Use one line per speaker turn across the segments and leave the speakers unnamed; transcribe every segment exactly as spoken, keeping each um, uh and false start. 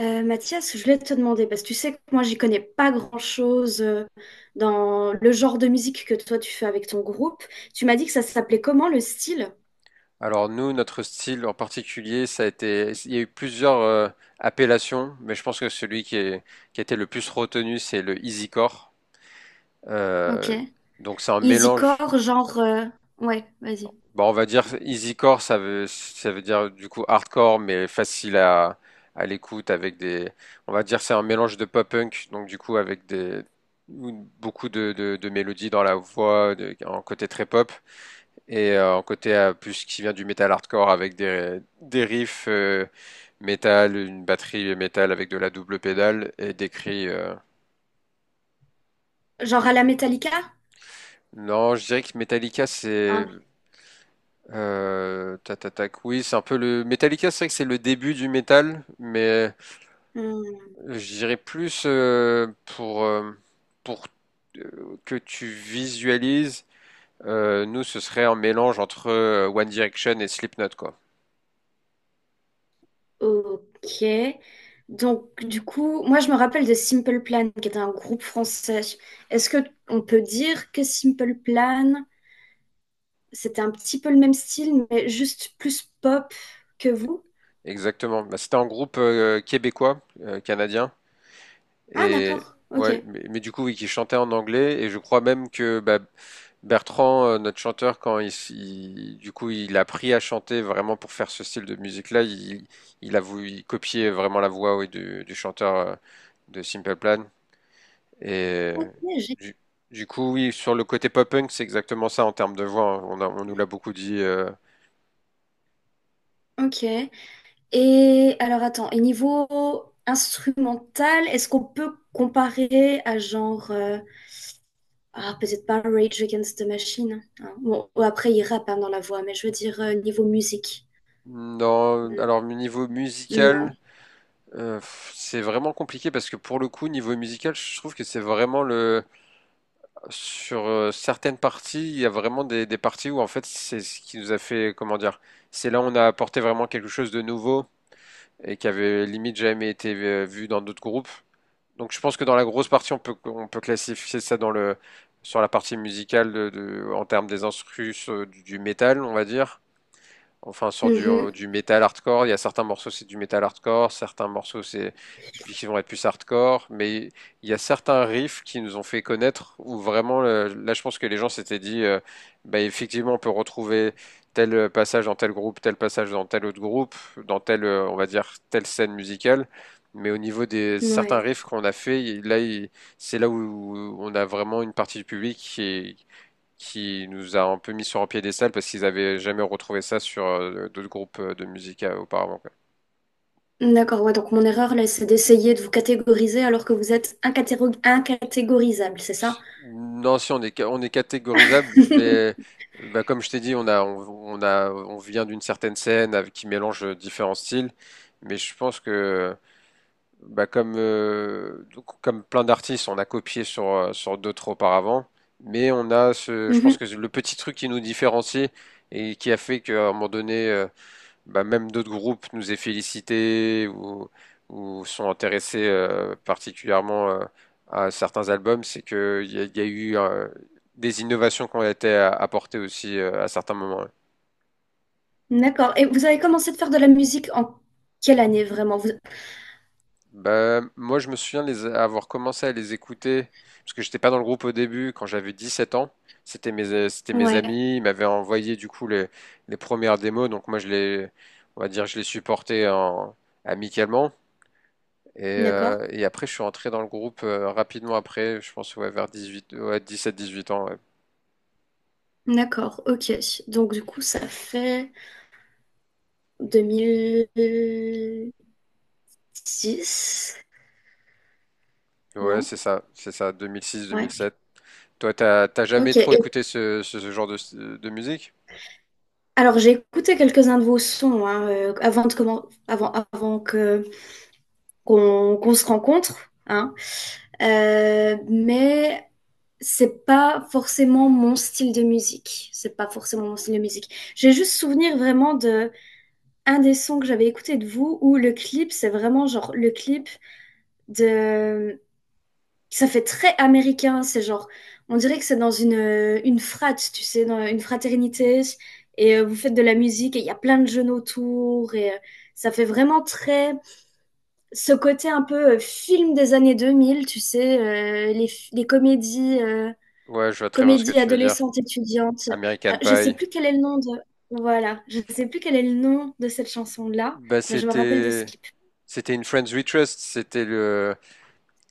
Euh, Mathias, je voulais te demander, parce que tu sais que moi, j'y connais pas grand-chose euh, dans le genre de musique que toi, tu fais avec ton groupe. Tu m'as dit que ça s'appelait comment le style?
Alors nous, notre style en particulier, ça a été, il y a eu plusieurs euh, appellations, mais je pense que celui qui est, qui a été le plus retenu, c'est le easycore.
Ok.
Euh, donc c'est un mélange.
Easycore, genre, euh, ouais, vas-y.
Bon, on va dire easycore, ça veut, ça veut dire du coup hardcore, mais facile à, à l'écoute avec des, on va dire c'est un mélange de pop punk, donc du coup avec des beaucoup de, de, de mélodies dans la voix, de- un côté très pop. Et euh, en côté euh, plus qui vient du metal hardcore avec des, des riffs euh, métal, une batterie métal avec de la double pédale et des cris. Euh.
Genre à la Metallica?
Non, je dirais que Metallica
Ah.
c'est euh, tac, tac, tac, oui c'est un peu le Metallica, c'est vrai que c'est le début du métal, mais
Hmm,
je dirais plus euh, pour euh, pour euh, que tu visualises. Euh, nous ce serait un mélange entre euh, One Direction et Slipknot quoi.
ok. Donc, du coup, moi, je me rappelle de Simple Plan, qui était un groupe français. Est-ce que on peut dire que Simple Plan, c'était un petit peu le même style, mais juste plus pop que vous?
Exactement. Bah, c'était un groupe euh, québécois, euh, canadien,
Ah,
et
d'accord. Ok.
ouais, mais, mais du coup, oui, qui chantait en anglais, et je crois même que bah, Bertrand, euh, notre chanteur, quand il, s- il- du coup, il a appris à chanter vraiment pour faire ce style de musique-là, il, il a voulu copier vraiment la voix, oui, du, du chanteur euh, de Simple Plan. Et
Ok. j'ai-
du, du coup, oui, sur le côté pop-punk, c'est exactement ça en termes de voix, hein. On a- on nous l'a beaucoup dit. Euh.
Ok. Et alors, attends. Et niveau instrumental, est-ce qu'on peut comparer à genre, euh, ah, peut-être pas Rage Against the Machine, hein. Bon, après, il rappe hein, dans la voix, mais je veux dire euh, niveau musique.
Non,
Hmm.
alors niveau
Non.
musical. Euh, pff, c'est vraiment compliqué parce que pour le coup, niveau musical, je trouve que c'est vraiment le. Sur euh, certaines parties, il y a vraiment des, des parties où en fait, c'est ce qui nous a fait. Comment dire? C'est là où on a apporté vraiment quelque chose de nouveau et qui avait limite jamais été euh, vu dans d'autres groupes. Donc je pense que dans la grosse partie, on peut, on peut classifier ça dans le, sur la partie musicale de, de- en termes des instrus euh, du, du métal, on va dire. Enfin, sur du,
Mhm.
du metal hardcore, il y a certains morceaux, c'est du metal hardcore, certains morceaux, c'est qui vont être plus hardcore, mais il y a certains riffs qui nous ont fait connaître où vraiment, euh, là, je pense que les gens s'étaient dit, euh, bah, effectivement, on peut retrouver tel passage dans tel groupe, tel passage dans tel autre groupe, dans tel, euh, on va dire, telle scène musicale. Mais au niveau des certains
Ouais.
riffs qu'on a fait, il- là, il- c'est là où on a vraiment une partie du public qui, qui nous a un peu mis sur un piédestal parce qu'ils avaient jamais retrouvé ça sur euh, d'autres groupes euh, de musique euh, auparavant, quoi.
D'accord. Ouais, donc mon erreur, là, c'est d'essayer de vous catégoriser alors que vous êtes incatéro- incatégorisable, c'est ça?
Non, si on est ca- on est catégorisable, mais bah, comme je t'ai dit, on a on, on a on vient d'une certaine scène avec, qui mélange euh, différents styles, mais je pense que bah, comme euh, donc, comme plein d'artistes, on a copié sur euh, sur d'autres auparavant, mais on a ce je pense
Mhm.
que le petit truc qui nous différencie et qui a fait qu'à un moment donné euh, bah, même d'autres groupes nous aient félicités ou, ou sont intéressés euh, particulièrement euh, à certains albums, c'est que il y, a il y a eu euh, des innovations qui ont été a- apportées aussi euh, à certains moments.
D'accord. Et vous avez commencé de faire de la musique en quelle année vraiment? Vous-
Bah, moi, je me souviens de les avoir commencé à les écouter, parce que j'étais pas dans le groupe au début, quand j'avais dix-sept ans. C'était mes, euh, c'était mes
Ouais,
amis, ils m'avaient envoyé du coup les, les premières démos, donc moi je les, on va dire, je les supportais en- amicalement. Et
d'accord.
euh, et après, je suis rentré dans le groupe euh, rapidement après, je pense ouais, vers dix-huit, ouais, dix-sept dix-huit ans. Ouais,
D'accord, ok. Donc du coup, ça fait deux mille six,
ouais
non?
c'est ça, c'est ça,
Ouais,
deux mille six-deux mille sept. Toi, t'as t'as jamais
ok.
trop
Et
écouté ce, ce, ce genre de, de musique?
alors j'ai écouté quelques-uns de vos sons hein, euh, avant de comment, avant, avant que qu'on qu'on se rencontre, hein. Euh, mais c'est pas forcément mon style de musique. C'est pas forcément mon style de musique. J'ai juste souvenir vraiment de un des sons que j'avais écouté de vous où le clip, c'est vraiment genre le clip de... Ça fait très américain, c'est genre, on dirait que c'est dans une, euh, une frat, tu sais, dans une fraternité, et euh, vous faites de la musique, et il y a plein de jeunes autour, et euh, ça fait vraiment très, ce côté un peu euh, film des années deux mille, tu sais, euh, les, f- les comédies, euh,
Ouais, je vois très bien ce que
comédies
tu veux dire.
adolescentes étudiantes. Euh,
American
je sais
Pie.
plus quel est le nom de... Voilà, je sais plus quel est le nom de cette chanson-là,
Bah,
mais je me rappelle de ce
c'était
clip.
c'était une Friends We Trust. C'était le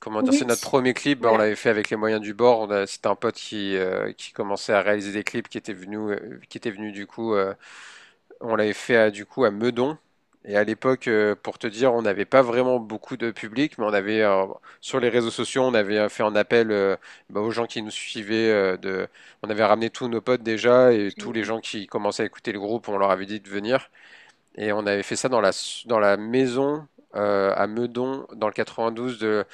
comment dire, c'est notre
Oui,
premier clip. Bah, on
voilà,
l'avait fait avec les moyens du bord. On a- C'était un pote qui euh, qui commençait à réaliser des clips qui était venu euh, qui était venu du coup. Euh, On l'avait fait à- du coup à Meudon. Et à l'époque, euh, pour te dire, on n'avait pas vraiment beaucoup de public, mais on avait euh, sur les réseaux sociaux, on avait euh, fait un appel euh, bah, aux gens qui nous suivaient. Euh, de... On avait ramené tous nos potes déjà et tous les
génial,
gens qui commençaient à écouter le groupe, on leur avait dit de venir. Et on avait fait ça dans la, dans la maison euh, à Meudon, dans le quatre-vingt-douze, de,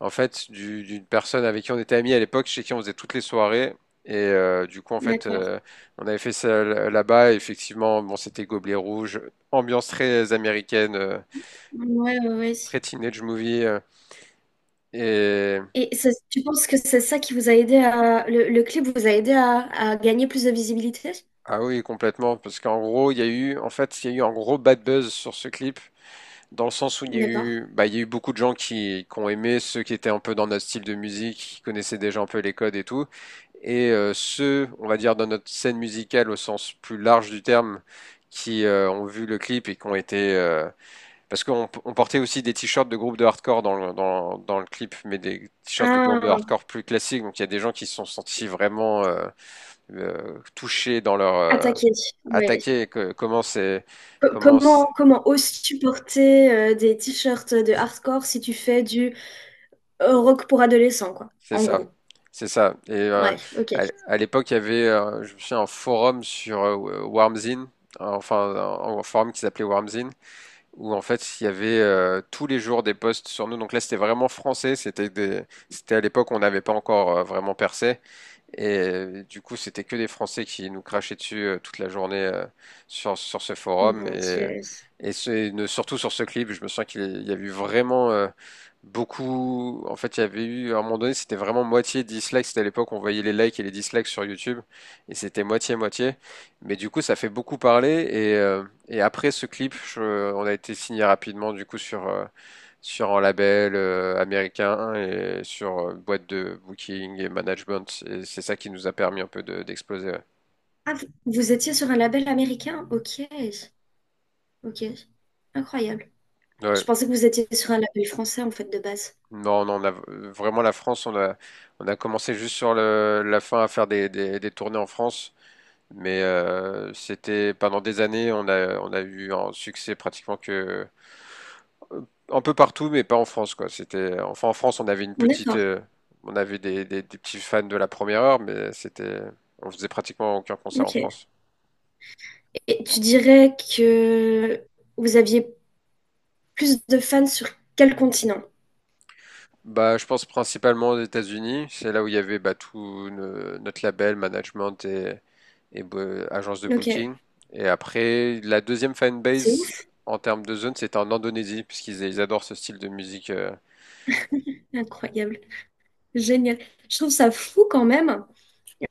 en fait, du- d'une personne avec qui on était amis à l'époque, chez qui on faisait toutes les soirées. Et euh, du coup, en fait,
d'accord,
euh, on avait fait ça l- là-bas. Et effectivement, bon, c'était gobelet rouge, ambiance très américaine, euh,
ouais, ouais, ouais.
très teenage movie. Euh, et
Et ça- tu penses que c'est ça qui vous a aidé à... Le, le clip vous a aidé à, à gagner plus de visibilité?
ah oui, complètement, parce qu'en gros, il y a eu, en fait, il y a eu un gros bad buzz sur ce clip dans le sens où il y a
D'accord.
eu, bah, il y a eu beaucoup de gens qui, qui ont aimé ceux qui étaient un peu dans notre style de musique, qui connaissaient déjà un peu les codes et tout, et euh, ceux, on va dire, dans notre scène musicale au sens plus large du terme, qui euh, ont vu le clip et qui ont été, euh, parce qu'on on portait aussi des t-shirts de groupes de hardcore dans le, dans, dans le clip, mais des t-shirts de groupes de
Ah,
hardcore plus classiques, donc il y a des gens qui se sont sentis vraiment euh, euh, touchés dans leur euh,
attaquer, ouais.
attaqués, que- comment c'est,
Co-
comment c'est-
Comment, comment oses-tu porter euh, des t-shirts de hardcore si tu fais du euh, rock pour adolescents, quoi,
C'est
en
ça,
gros.
c'est ça. Et euh,
Ouais, ok.
à, à l'époque, il y avait, euh, je me souviens, un forum sur euh, Wormzine, enfin un, un forum qui s'appelait Wormzine, où en fait il y avait euh, tous les jours des posts sur nous. Donc là, c'était vraiment français. C'était des, c'était à l'époque où on n'avait pas encore euh, vraiment percé. Et euh, du coup, c'était que des Français qui nous crachaient dessus euh, toute la journée euh, sur, sur ce forum.
Mon
Et,
Dieu.
et, ce- et ne- surtout sur ce clip, je me sens qu'il y a eu vraiment euh, beaucoup. En fait, il y avait eu, à un moment donné, c'était vraiment moitié dislikes. C'était à l'époque, on voyait les likes et les dislikes sur YouTube. Et c'était moitié-moitié. Mais du coup, ça fait beaucoup parler. Et euh, et après ce clip, je- on a été signé rapidement, du coup, sur, euh, sur un label euh, américain et sur euh, boîte de booking et management. Et c'est ça qui nous a permis un peu de- d'exploser. Ouais.
Ah, vous vous étiez sur un label américain? Ok, ok. Incroyable. Je
Ouais.
pensais que vous étiez sur un label français, en fait, de base.
Non, non, on a euh, vraiment la France, on a, on a commencé juste sur le, la fin à faire des, des, des tournées en France. Mais euh, c'était pendant des années, on a, on a eu un succès pratiquement que euh, un peu partout, mais pas en France, quoi. C'était, enfin, en France, on avait une petite,
D'accord,
euh, on avait des, des, des petits fans de la première heure, mais c'était, on faisait pratiquement aucun concert en
ok.
France.
Et tu dirais que vous aviez plus de fans sur quel continent?
Bah, je pense principalement aux États-Unis. C'est là où il y avait bah, tout no- notre label, management et, et bo- agence de
Ok,
booking. Et après, la deuxième
c'est
fanbase
ouf,
en termes de zone, c'était en Indonésie, parce qu'ils ils adorent ce style de musique. Euh.
incroyable, génial. Je trouve ça fou quand même.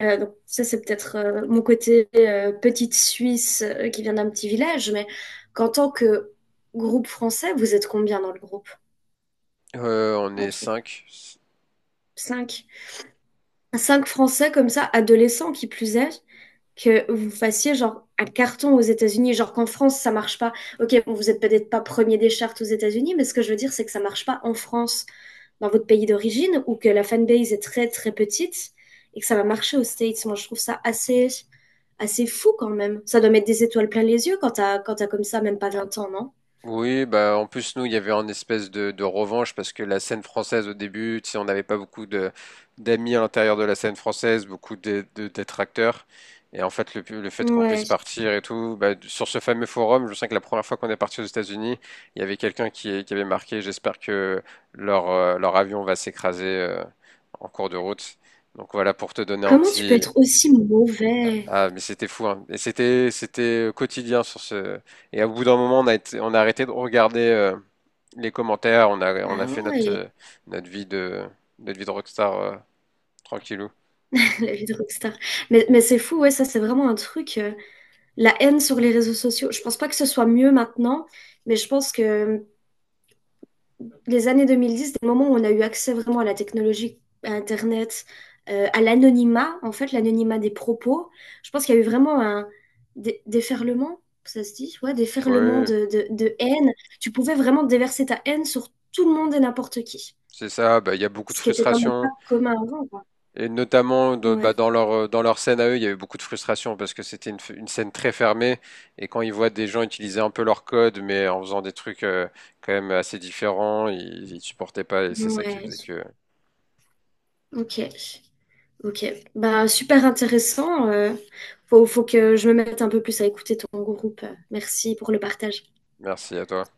Euh, donc ça, c'est peut-être euh, mon côté euh, petite Suisse euh, qui vient d'un petit village, mais qu'en tant que groupe français, vous êtes combien dans le groupe
Euh, on
en
est
tout?
cinq.
Cinq. Cinq Français comme ça, adolescents qui plus est, que vous fassiez genre un carton aux États-Unis, genre qu'en France ça marche pas. Ok, bon, vous êtes peut-être pas premier des charts aux États-Unis, mais ce que je veux dire c'est que ça marche pas en France, dans votre pays d'origine, ou que la fanbase est très très petite et que ça va marcher aux States. Moi, je trouve ça assez assez fou quand même. Ça doit mettre des étoiles plein les yeux quand t'as quand t'as comme ça même pas vingt ans, non?
Oui, bah en plus nous il y avait une espèce de, de revanche parce que la scène française au début, tu sais, on n'avait pas beaucoup de d'amis à l'intérieur de la scène française, beaucoup de, de détracteurs. Et en fait le, le fait qu'on puisse
Ouais.
partir et tout, bah, sur ce fameux forum, je sais que la première fois qu'on est parti aux États-Unis, il y avait quelqu'un qui, qui avait marqué, j'espère que leur euh, leur avion va s'écraser euh, en cours de route. Donc voilà pour te donner un
Comment tu peux
petit
être aussi mauvais?
ah, mais c'était fou, hein. Et c'était, c'était euh, quotidien sur ce. Et au bout d'un moment, on a été- on a arrêté de regarder euh, les commentaires. On a, on a
Ah
fait notre,
ouais,
euh, notre vie de, notre vie de rockstar euh, tranquillou.
la vie de rockstar. Mais, mais c'est fou, ouais, ça c'est vraiment un truc. euh, La haine sur les réseaux sociaux, je pense pas que ce soit mieux maintenant, mais je pense que les années deux mille dix, des moments où on a eu accès vraiment à la technologie, à Internet, euh, à l'anonymat, en fait, l'anonymat des propos, je pense qu'il y a eu vraiment un dé- déferlement, ça se dit, ouais, déferlement
Oui,
de, de, de haine. Tu pouvais vraiment déverser ta haine sur tout le monde et n'importe qui,
c'est ça. Bah, il y a beaucoup de
ce qui était quand même pas
frustration.
commun avant, quoi.
Et notamment, de- bah,
Ouais,
dans leur, euh, dans leur scène à eux, il y avait beaucoup de frustration parce que c'était une, f- une scène très fermée. Et quand ils voient des gens utiliser un peu leur code, mais en faisant des trucs euh, quand même assez différents, ils, ils supportaient pas. Et c'est ça qui
ouais,
faisait que.
ok. Ok, bah super intéressant. euh, faut, faut que je me mette un peu plus à écouter ton groupe. Merci pour le partage.
Merci à toi.